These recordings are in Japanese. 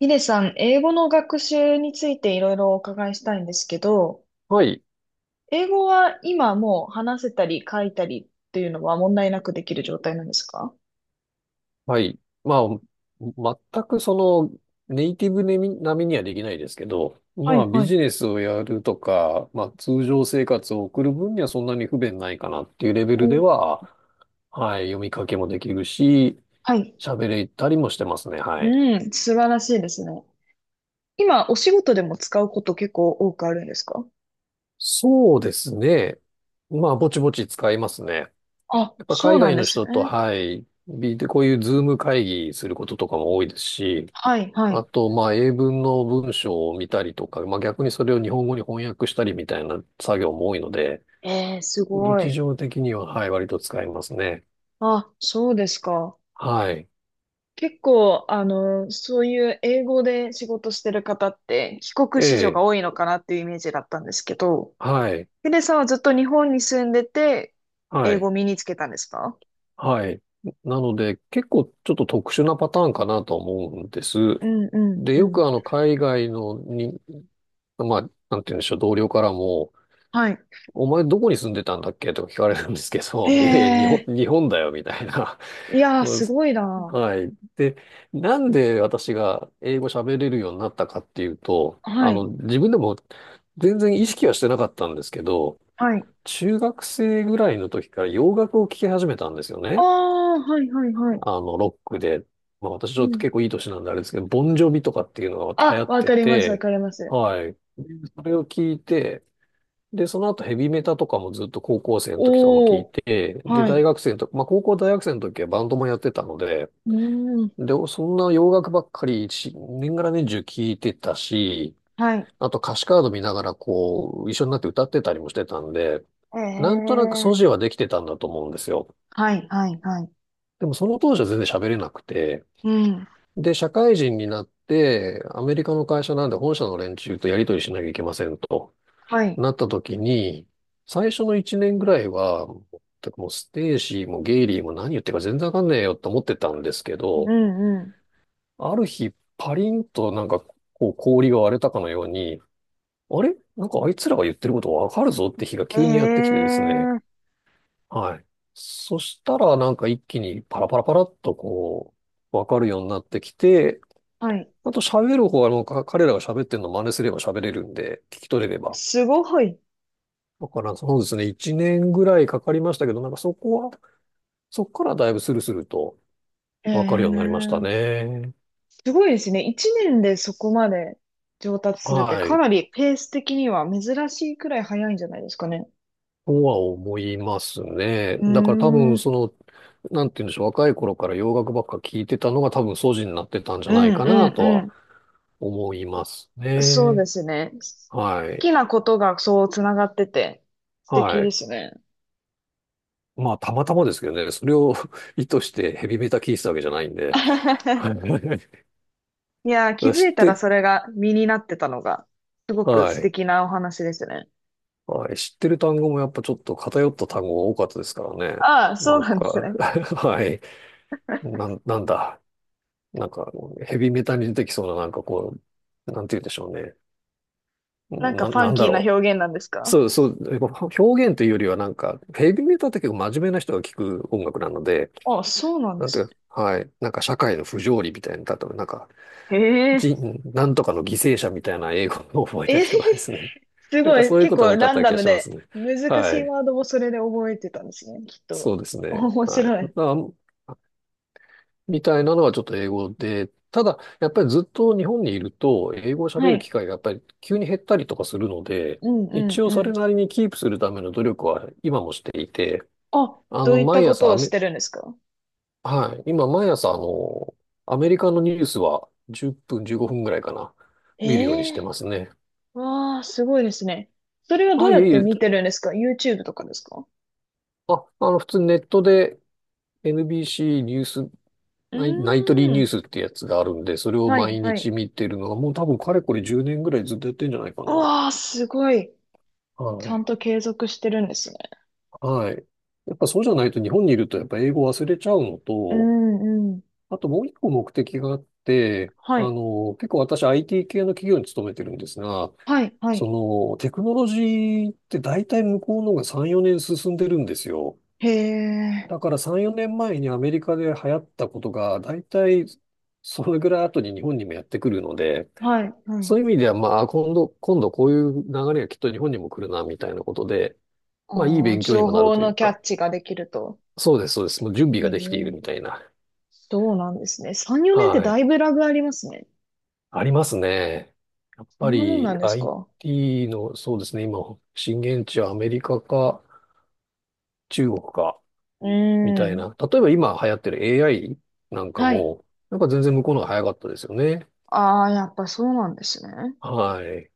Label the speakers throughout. Speaker 1: ヒデさん、英語の学習についていろいろお伺いしたいんですけど、
Speaker 2: はい、
Speaker 1: 英語は今もう話せたり書いたりっていうのは問題なくできる状態なんですか？
Speaker 2: はい。まあ、全くネイティブ並みにはできないですけど、
Speaker 1: は
Speaker 2: まあ、
Speaker 1: いは
Speaker 2: ビ
Speaker 1: い。
Speaker 2: ジネスをやるとか、まあ、通常生活を送る分にはそんなに不便ないかなっていうレベル
Speaker 1: お、
Speaker 2: では、はい、読み書きもできるし、
Speaker 1: はい。
Speaker 2: 喋れたりもしてますね、はい。
Speaker 1: うん、素晴らしいですね。今、お仕事でも使うこと結構多くあるんですか？
Speaker 2: そうですね。まあ、ぼちぼち使いますね。
Speaker 1: あ、
Speaker 2: やっぱ
Speaker 1: そう
Speaker 2: 海
Speaker 1: なん
Speaker 2: 外
Speaker 1: で
Speaker 2: の
Speaker 1: す
Speaker 2: 人と、
Speaker 1: ね。
Speaker 2: はい、こういうズーム会議することとかも多いですし、
Speaker 1: はいは
Speaker 2: あ
Speaker 1: い。
Speaker 2: と、まあ、英文の文章を見たりとか、まあ、逆にそれを日本語に翻訳したりみたいな作業も多いので、
Speaker 1: えー、すご
Speaker 2: 日
Speaker 1: い。
Speaker 2: 常的には、はい、割と使いますね。
Speaker 1: あ、そうですか。
Speaker 2: はい。
Speaker 1: 結構、そういう英語で仕事してる方って、帰国
Speaker 2: え
Speaker 1: 子女
Speaker 2: え、
Speaker 1: が多いのかなっていうイメージだったんですけど、
Speaker 2: はい、
Speaker 1: ヒデさんはずっと日本に住んでて、
Speaker 2: は
Speaker 1: 英語
Speaker 2: い、
Speaker 1: を身につけたんですか？
Speaker 2: はい。なので、結構ちょっと特殊なパターンかなと思うんです。
Speaker 1: うんうん
Speaker 2: で、
Speaker 1: う
Speaker 2: よ
Speaker 1: ん。
Speaker 2: く海外のに、まあ、なんて言うんでしょう、同僚からも、
Speaker 1: はい。
Speaker 2: お前どこに住んでたんだっけとか聞かれるんですけど、いやいや、日本、
Speaker 1: ええ、
Speaker 2: 日本だよ、みたいな。
Speaker 1: ーい やー、
Speaker 2: うん
Speaker 1: すごいな。
Speaker 2: はい。で、なんで私が英語喋れるようになったかっていうと、
Speaker 1: はい。
Speaker 2: 自分でも全然意識はしてなかったんですけど、
Speaker 1: はい。
Speaker 2: 中学生ぐらいの時から洋楽を聴き始めたんですよ
Speaker 1: あ
Speaker 2: ね。
Speaker 1: あ、はいはいはい。
Speaker 2: ロックで。まあ私ち
Speaker 1: う
Speaker 2: ょっと
Speaker 1: ん。
Speaker 2: 結構いい年なんであれですけど、ボンジョビとかっていうのが流行
Speaker 1: あ、
Speaker 2: っ
Speaker 1: わ
Speaker 2: て
Speaker 1: かります、わ
Speaker 2: て、
Speaker 1: かります。
Speaker 2: はい。でそれを聞いて、で、その後ヘビメタとかもずっと高校生の時とかも聞い
Speaker 1: おー、
Speaker 2: て、で、
Speaker 1: は
Speaker 2: 大
Speaker 1: い。
Speaker 2: 学生の時、まあ高校大学生の時はバンドもやってたので、
Speaker 1: うーん、
Speaker 2: で、そんな洋楽ばっかり一年がら年中聞いてたし、
Speaker 1: はい。
Speaker 2: あと歌詞カード見ながら一緒になって歌ってたりもしてたんで、なんとなく
Speaker 1: え
Speaker 2: 素地
Speaker 1: え、
Speaker 2: はできてたんだと思うんですよ。
Speaker 1: はいはいはい。
Speaker 2: でもその当時は全然喋れなくて、
Speaker 1: うん、
Speaker 2: で、社会人になって、アメリカの会社なんで本社の連中とやり取りしなきゃいけませんと。
Speaker 1: はい。
Speaker 2: なった時に、最初の一年ぐらいは、全くもうステーシーもゲイリーも何言ってるか全然わかんねえよって思ってたんですけ
Speaker 1: う
Speaker 2: ど、
Speaker 1: んう
Speaker 2: ある日パリンとなんかこう氷が割れたかのように、あれなんかあいつらが言ってることわかるぞって日が
Speaker 1: ん。
Speaker 2: 急にやってき
Speaker 1: え
Speaker 2: てですね。
Speaker 1: え、
Speaker 2: はい。そしたらなんか一気にパラパラパラっとわかるようになってきて、
Speaker 1: はい。
Speaker 2: あと喋る方はもう彼らが喋ってるの真似すれば喋れるんで、聞き取れれば。
Speaker 1: すごい。
Speaker 2: だからそうですね、1年ぐらいかかりましたけど、なんかそこからだいぶスルスルとわかるようになりました
Speaker 1: ええ、
Speaker 2: ね。
Speaker 1: すごいですね。一年でそこまで上達するって
Speaker 2: は
Speaker 1: か
Speaker 2: い。
Speaker 1: なりペース的には珍しいくらい早いんじゃないですかね。
Speaker 2: とは思いますね。
Speaker 1: うー
Speaker 2: だから多
Speaker 1: ん。う
Speaker 2: 分
Speaker 1: ん
Speaker 2: なんて言うんでしょう、若い頃から洋楽ばっか聞いてたのが多分素地になってたんじゃ
Speaker 1: う
Speaker 2: ないかなとは
Speaker 1: ん
Speaker 2: 思います
Speaker 1: うん。そうで
Speaker 2: ね。
Speaker 1: すね。好
Speaker 2: はい。
Speaker 1: きなことがそうつながってて素敵
Speaker 2: は
Speaker 1: で
Speaker 2: い。
Speaker 1: すね。
Speaker 2: まあ、たまたまですけどね、それを 意図してヘビメタ聞いてたわけじゃないんで。はい。
Speaker 1: いやー、気 づ
Speaker 2: 知っ
Speaker 1: いたら
Speaker 2: て、
Speaker 1: それが身になってたのがすごく
Speaker 2: は
Speaker 1: 素
Speaker 2: い。
Speaker 1: 敵なお話ですね。
Speaker 2: はい。知ってる単語もやっぱちょっと偏った単語が多かったですからね。
Speaker 1: ああ、
Speaker 2: な
Speaker 1: そう
Speaker 2: ん
Speaker 1: なんです
Speaker 2: か
Speaker 1: ね。
Speaker 2: はい。なんだ。なんか、ヘビメタに出てきそうな、なんかなんて言うんでしょうね。
Speaker 1: なんか
Speaker 2: な、
Speaker 1: ファ
Speaker 2: な
Speaker 1: ン
Speaker 2: んだ
Speaker 1: キーな
Speaker 2: ろう。
Speaker 1: 表現なんですか？
Speaker 2: そうそう。やっぱ表現というよりはなんか、ヘビメタって結構真面目な人が聞く音楽なので、
Speaker 1: ああ、そうなんで
Speaker 2: なんて
Speaker 1: す
Speaker 2: いう
Speaker 1: ね。
Speaker 2: か、はい。なんか社会の不条理みたいな、例えばなんか、
Speaker 1: へえ。
Speaker 2: 人、なんとかの犠牲者みたいな英語を覚えた
Speaker 1: えー。
Speaker 2: 人がですね。
Speaker 1: す
Speaker 2: なん
Speaker 1: ご
Speaker 2: か
Speaker 1: い。
Speaker 2: そういう
Speaker 1: 結
Speaker 2: ことが
Speaker 1: 構
Speaker 2: 多かっ
Speaker 1: ラン
Speaker 2: た
Speaker 1: ダ
Speaker 2: 気が
Speaker 1: ム
Speaker 2: しま
Speaker 1: で、
Speaker 2: すね。
Speaker 1: 難
Speaker 2: は
Speaker 1: しい
Speaker 2: い。
Speaker 1: ワードもそれで覚えてたんですね、きっ
Speaker 2: そ
Speaker 1: と。
Speaker 2: うですね。
Speaker 1: 面
Speaker 2: はい。
Speaker 1: 白い。
Speaker 2: だみたいなのはちょっと英語で、ただ、やっぱりずっと日本にいると、英語を喋
Speaker 1: は
Speaker 2: る機
Speaker 1: い。
Speaker 2: 会がやっぱり急に減ったりとかするので、
Speaker 1: うんう
Speaker 2: 一
Speaker 1: ん
Speaker 2: 応
Speaker 1: う
Speaker 2: それ
Speaker 1: ん。
Speaker 2: なりにキープするための努力は今もしていて、
Speaker 1: あ、どういった
Speaker 2: 毎
Speaker 1: こと
Speaker 2: 朝ア
Speaker 1: をし
Speaker 2: メ、
Speaker 1: てるんですか？
Speaker 2: はい、今毎朝アメリカのニュースは10分、15分ぐらいかな、
Speaker 1: え
Speaker 2: 見るようにして
Speaker 1: え、
Speaker 2: ますね。
Speaker 1: ーわあ、すごいですね。それはど
Speaker 2: あ、
Speaker 1: う
Speaker 2: い
Speaker 1: や
Speaker 2: え
Speaker 1: っ
Speaker 2: い
Speaker 1: て
Speaker 2: え、
Speaker 1: 見てるんですか？ YouTube とかですか？
Speaker 2: あ、普通にネットで NBC ニュース
Speaker 1: う
Speaker 2: ナイトリー
Speaker 1: ー
Speaker 2: ニュー
Speaker 1: ん。
Speaker 2: スってやつがあるんで、それを
Speaker 1: はい
Speaker 2: 毎
Speaker 1: は
Speaker 2: 日
Speaker 1: い。
Speaker 2: 見てるのは、もう多分かれこれ10年ぐらいずっとやってんじゃないかな。
Speaker 1: うわあ、すごい。
Speaker 2: は
Speaker 1: ちゃん
Speaker 2: い。
Speaker 1: と継続してるんですね。
Speaker 2: はい。やっぱそうじゃないと日本にいるとやっぱ英語忘れちゃうの
Speaker 1: う
Speaker 2: と、
Speaker 1: んうん。
Speaker 2: あともう一個目的があって、
Speaker 1: はい。
Speaker 2: 結構私 IT 系の企業に勤めてるんですが、
Speaker 1: はいはい。
Speaker 2: そのテクノロジーって大体向こうの方が3、4年進んでるんですよ。
Speaker 1: へえ。
Speaker 2: だから3、4年前にアメリカで流行ったことが大体それぐらい後に日本にもやってくるので、
Speaker 1: はいはい。
Speaker 2: そういう意味では、まあ、今度こういう流れがきっと日本にも来るな、みたいなことで、まあ、いい
Speaker 1: ああ、
Speaker 2: 勉強に
Speaker 1: 情
Speaker 2: もなる
Speaker 1: 報
Speaker 2: という
Speaker 1: のキャ
Speaker 2: か。
Speaker 1: ッチができると。
Speaker 2: そうです、そうです。もう準備
Speaker 1: へ
Speaker 2: が
Speaker 1: え、
Speaker 2: できているみたいな。
Speaker 1: そうなんですね。3、4年って
Speaker 2: は
Speaker 1: だ
Speaker 2: い。
Speaker 1: いぶラグありますね。
Speaker 2: ありますね。やっ
Speaker 1: そ
Speaker 2: ぱ
Speaker 1: んなもんな
Speaker 2: り
Speaker 1: んですか？
Speaker 2: IT の、そうですね、今、震源地はアメリカか中国か、
Speaker 1: うー
Speaker 2: みたい
Speaker 1: ん。
Speaker 2: な。例えば今流行ってる AI なんか
Speaker 1: はい。
Speaker 2: も、なんか全然向こうの方が早かったですよね。
Speaker 1: ああ、やっぱそうなんですね。
Speaker 2: はい。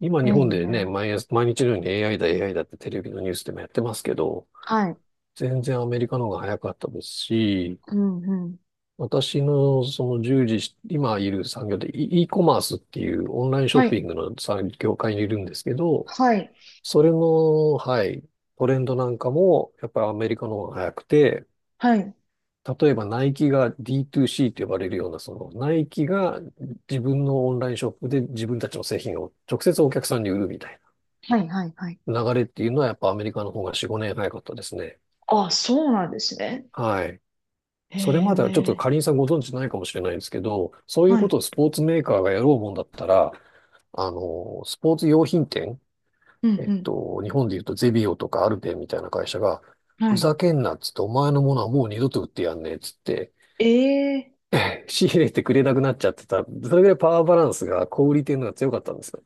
Speaker 2: 今
Speaker 1: え
Speaker 2: 日本でね、
Speaker 1: え、
Speaker 2: 毎日のように AI だ、AI だってテレビのニュースでもやってますけど、
Speaker 1: はい。
Speaker 2: 全然アメリカの方が早かったですし、
Speaker 1: うん、うん。
Speaker 2: 私のその従事し、今いる産業で e コマースっていうオンラインショッ
Speaker 1: は
Speaker 2: ピ
Speaker 1: い。
Speaker 2: ングの産業界にいるんですけど、
Speaker 1: はい。
Speaker 2: それの、はい、トレンドなんかもやっぱりアメリカの方が早くて、
Speaker 1: はい。
Speaker 2: 例えばナイキが D2C と呼ばれるような、そのナイキが自分のオンラインショップで自分たちの製品を直接お客さんに売るみたい
Speaker 1: はい、はい、はい。
Speaker 2: な流れっていうのはやっぱアメリカの方が4、5年早かったですね。
Speaker 1: ああ、そうなんですね。
Speaker 2: はい。
Speaker 1: へ
Speaker 2: それまではちょっと
Speaker 1: え、
Speaker 2: かりんさんご存知ないかもしれないですけど、そういう
Speaker 1: は
Speaker 2: こ
Speaker 1: い。
Speaker 2: とをスポーツメーカーがやろうもんだったら、スポーツ用品店、
Speaker 1: うん、うん。
Speaker 2: 日本で言うとゼビオとかアルペンみたいな会社が、
Speaker 1: は
Speaker 2: ふ
Speaker 1: い。
Speaker 2: ざけんなっつって、お前のものはもう二度と売ってやんねえっつって、
Speaker 1: ええ、
Speaker 2: 仕入れてくれなくなっちゃってた。それぐらいパワーバランスが小売り店の方が強かったんですよ。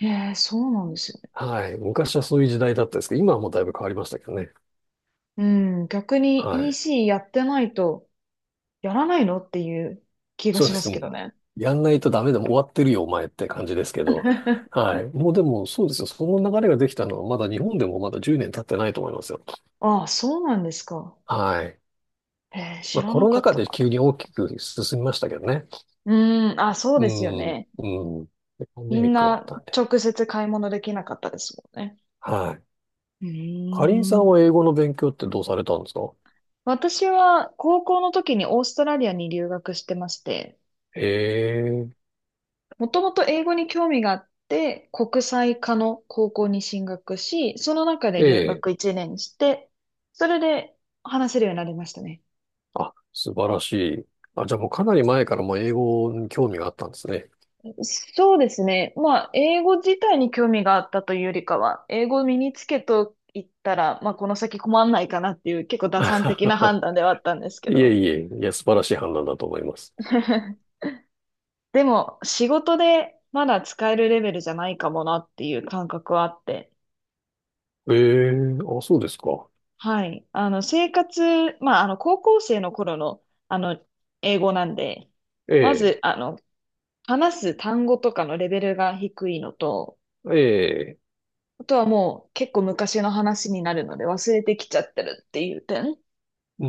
Speaker 1: ええ、そうなんですね。
Speaker 2: はい。昔はそういう時代だったんですけど、今はもうだいぶ変わりましたけどね。
Speaker 1: うん、逆
Speaker 2: は
Speaker 1: に
Speaker 2: い。
Speaker 1: EC やってないと、やらないのっていう気が
Speaker 2: そう
Speaker 1: し
Speaker 2: で
Speaker 1: ま
Speaker 2: す。
Speaker 1: す
Speaker 2: も
Speaker 1: けど
Speaker 2: う
Speaker 1: ね。
Speaker 2: やんないとダメでもう終わってるよ、お前って感じですけど。はい。もうでも、そうですよ。その流れができたのは、まだ日本でもまだ10年経ってないと思いますよ。
Speaker 1: ああ、そうなんですか。
Speaker 2: はい。
Speaker 1: へえ、
Speaker 2: ま
Speaker 1: 知
Speaker 2: あ、
Speaker 1: ら
Speaker 2: コ
Speaker 1: な
Speaker 2: ロ
Speaker 1: か
Speaker 2: ナ
Speaker 1: っ
Speaker 2: 禍
Speaker 1: たな。
Speaker 2: で急に大きく進みましたけどね。
Speaker 1: うーん、あ、そう
Speaker 2: う
Speaker 1: ですよ
Speaker 2: ん、う
Speaker 1: ね。
Speaker 2: ん。でパンデ
Speaker 1: み
Speaker 2: ミ
Speaker 1: ん
Speaker 2: ックがあっ
Speaker 1: な
Speaker 2: たんで。
Speaker 1: 直接買い物できなかったですもんね。
Speaker 2: はい。
Speaker 1: う
Speaker 2: かりんさ
Speaker 1: ー
Speaker 2: ん
Speaker 1: ん。
Speaker 2: は英語の勉強ってどうされたんですか？
Speaker 1: 私は高校の時にオーストラリアに留学してまして、
Speaker 2: へえ、
Speaker 1: もともと英語に興味があって、国際科の高校に進学し、その中
Speaker 2: え
Speaker 1: で留
Speaker 2: え。
Speaker 1: 学1年して、それで話せるようになりましたね。
Speaker 2: あ、素晴らしい。あ、じゃあもうかなり前からもう英語に興味があったんですね。
Speaker 1: そうですね。まあ、英語自体に興味があったというよりかは、英語を身につけといったら、まあ、この先困んないかなっていう、結構打算的な判 断ではあったんですけ
Speaker 2: いえ
Speaker 1: ど。
Speaker 2: いえ、いや、素晴らしい判断だと思います。
Speaker 1: でも、仕事でまだ使えるレベルじゃないかもなっていう感覚はあって。
Speaker 2: ええ、あ、そうですか。
Speaker 1: はい。生活、まあ、高校生の頃の、あの、英語なんで、
Speaker 2: え
Speaker 1: ま
Speaker 2: え、
Speaker 1: ず、話す単語とかのレベルが低いのと、
Speaker 2: ええ、
Speaker 1: あとはもう結構昔の話になるので忘れてきちゃってるっていう点。
Speaker 2: うー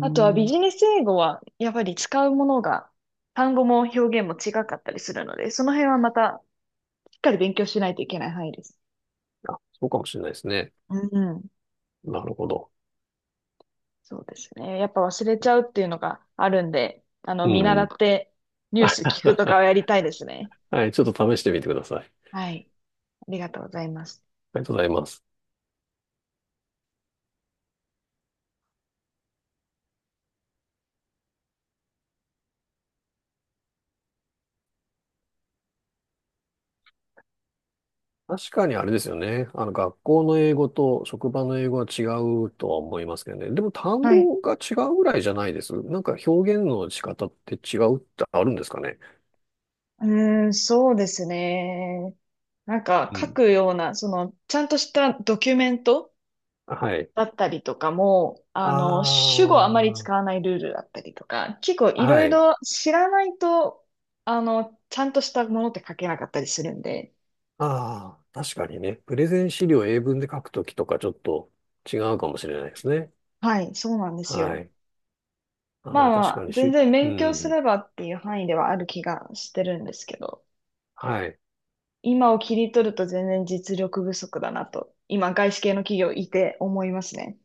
Speaker 1: あとはビ
Speaker 2: ん。
Speaker 1: ジネス英語はやっぱり使うものが単語も表現も違かったりするので、その辺はまたしっかり勉強しないといけない範囲です。
Speaker 2: あ、そうかもしれないですね。
Speaker 1: うん、
Speaker 2: なるほど。
Speaker 1: そうですね。やっぱ忘れちゃうっていうのがあるんで、
Speaker 2: う
Speaker 1: 見習っ
Speaker 2: ん。
Speaker 1: てニュース聞くとかは やりたいですね。
Speaker 2: はい、ちょっと試してみてください。あ
Speaker 1: はい。ありがとうございます。
Speaker 2: りがとうございます。確かにあれですよね。学校の英語と職場の英語は違うとは思いますけどね。でも単
Speaker 1: はい。
Speaker 2: 語が違うぐらいじゃないです。なんか表現の仕方って違うってあるんですかね。
Speaker 1: うーん、そうですね。なんか
Speaker 2: う
Speaker 1: 書
Speaker 2: ん。
Speaker 1: くような、その、ちゃんとしたドキュメント
Speaker 2: はい。
Speaker 1: だったりとかも、
Speaker 2: あ
Speaker 1: 主語あまり使
Speaker 2: あ、
Speaker 1: わないルールだったりとか、結構いろ
Speaker 2: は
Speaker 1: い
Speaker 2: い。
Speaker 1: ろ知らないと、ちゃんとしたものって書けなかったりするんで、
Speaker 2: ああ、確かにね。プレゼン資料を英文で書くときとかちょっと違うかもしれないですね。
Speaker 1: はい、そうなんです
Speaker 2: は
Speaker 1: よ。
Speaker 2: い。
Speaker 1: ま
Speaker 2: あ
Speaker 1: あ
Speaker 2: あ、確
Speaker 1: ま
Speaker 2: か
Speaker 1: あ、
Speaker 2: に
Speaker 1: 全
Speaker 2: し、
Speaker 1: 然
Speaker 2: う
Speaker 1: 勉強す
Speaker 2: ん。
Speaker 1: ればっていう範囲ではある気がしてるんですけど、
Speaker 2: はい。
Speaker 1: 今を切り取ると全然実力不足だなと、今外資系の企業いて思いますね。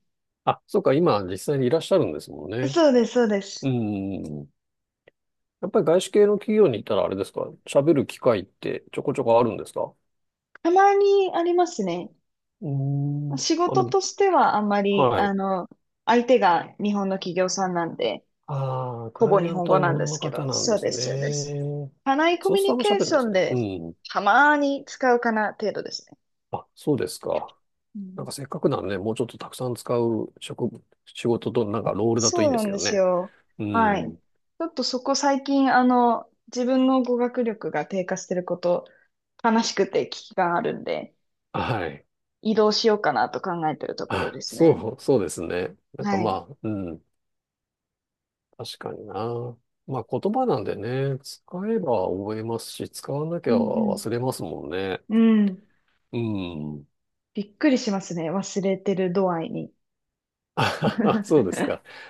Speaker 2: あ、そうか、今実際にいらっしゃるんですもんね。
Speaker 1: そうです、そうで
Speaker 2: う
Speaker 1: す。
Speaker 2: ん。やっぱり外資系の企業に行ったらあれですか、喋る機会ってちょこちょこあるんですか？
Speaker 1: たまにありますね。
Speaker 2: うん。
Speaker 1: 仕
Speaker 2: あ、で
Speaker 1: 事
Speaker 2: も、
Speaker 1: としてはあんまり、
Speaker 2: はい。
Speaker 1: 相手が日本の企業さんなんで、
Speaker 2: ああ、ク
Speaker 1: ほぼ
Speaker 2: ライ
Speaker 1: 日
Speaker 2: アン
Speaker 1: 本
Speaker 2: ト
Speaker 1: 語
Speaker 2: は日
Speaker 1: なんで
Speaker 2: 本
Speaker 1: す
Speaker 2: の
Speaker 1: け
Speaker 2: 方
Speaker 1: ど、
Speaker 2: なんで
Speaker 1: そう
Speaker 2: す
Speaker 1: です、そうです。
Speaker 2: ね。
Speaker 1: 社内コ
Speaker 2: そう
Speaker 1: ミュ
Speaker 2: するとあ
Speaker 1: ニ
Speaker 2: んま喋
Speaker 1: ケー
Speaker 2: んな
Speaker 1: シ
Speaker 2: いで
Speaker 1: ョ
Speaker 2: す
Speaker 1: ン
Speaker 2: ね。う
Speaker 1: で、
Speaker 2: ん。
Speaker 1: たまに使うかな程度ですね。
Speaker 2: あ、そうですか。
Speaker 1: う
Speaker 2: なん
Speaker 1: ん、
Speaker 2: かせっかくならね、もうちょっとたくさん使う仕事と、なんかロールだとい
Speaker 1: そ
Speaker 2: い
Speaker 1: う
Speaker 2: んで
Speaker 1: な
Speaker 2: す
Speaker 1: ん
Speaker 2: け
Speaker 1: で
Speaker 2: ど
Speaker 1: す
Speaker 2: ね。
Speaker 1: よ。
Speaker 2: う
Speaker 1: はい。ち
Speaker 2: ん。
Speaker 1: ょっとそこ最近、自分の語学力が低下してること、悲しくて危機があるんで、
Speaker 2: はい。
Speaker 1: 移動しようかなと考えてるところ
Speaker 2: あ、
Speaker 1: ですね。
Speaker 2: そうですね。なんか
Speaker 1: はい。
Speaker 2: まあ、うん。確かにな。まあ言葉なんでね、使えば覚えますし、使わなき
Speaker 1: う
Speaker 2: ゃ
Speaker 1: んうん。
Speaker 2: 忘れますもんね。
Speaker 1: うん。
Speaker 2: うん。
Speaker 1: びっくりしますね。忘れてる度合いに。
Speaker 2: あ そうですか。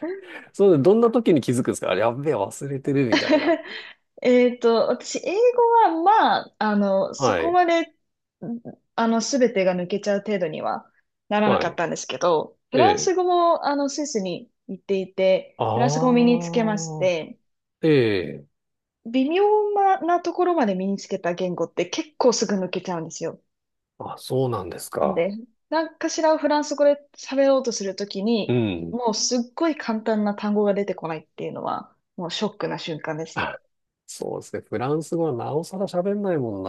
Speaker 2: そうで、どんな時に気づくんですか？あれ、やっべえ、忘れてるみたいな。
Speaker 1: えっと、私、英語は、まあ、そ
Speaker 2: は
Speaker 1: こ
Speaker 2: い。
Speaker 1: まで、すべてが抜けちゃう程度にはならな
Speaker 2: は
Speaker 1: かっ
Speaker 2: い。
Speaker 1: たんですけど、フ
Speaker 2: え
Speaker 1: ラン
Speaker 2: え。
Speaker 1: ス語も、スイスに行っていて、フランス語を身
Speaker 2: あ
Speaker 1: につけまし
Speaker 2: あ、
Speaker 1: て、
Speaker 2: ええ。
Speaker 1: 微妙なところまで身につけた言語って結構すぐ抜けちゃうんですよ。
Speaker 2: あ、そうなんです
Speaker 1: なんで、
Speaker 2: か。
Speaker 1: 何かしらをフランス語で喋ろうとするとき
Speaker 2: う
Speaker 1: に、
Speaker 2: ん。
Speaker 1: もうすっごい簡単な単語が出てこないっていうのは、もうショックな瞬間ですね。
Speaker 2: そうですね。フランス語はなおさら喋んないもん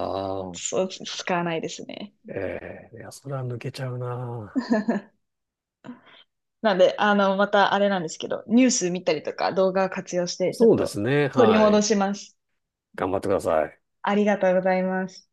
Speaker 2: な。
Speaker 1: そう、使わないですね。
Speaker 2: ええいや、それは抜けちゃうな。
Speaker 1: なんで、またあれなんですけど、ニュース見たりとか動画を活用して、ちょっ
Speaker 2: そうです
Speaker 1: と
Speaker 2: ね。
Speaker 1: 取り
Speaker 2: は
Speaker 1: 戻
Speaker 2: い。
Speaker 1: します。
Speaker 2: 頑張ってください。
Speaker 1: ありがとうございます。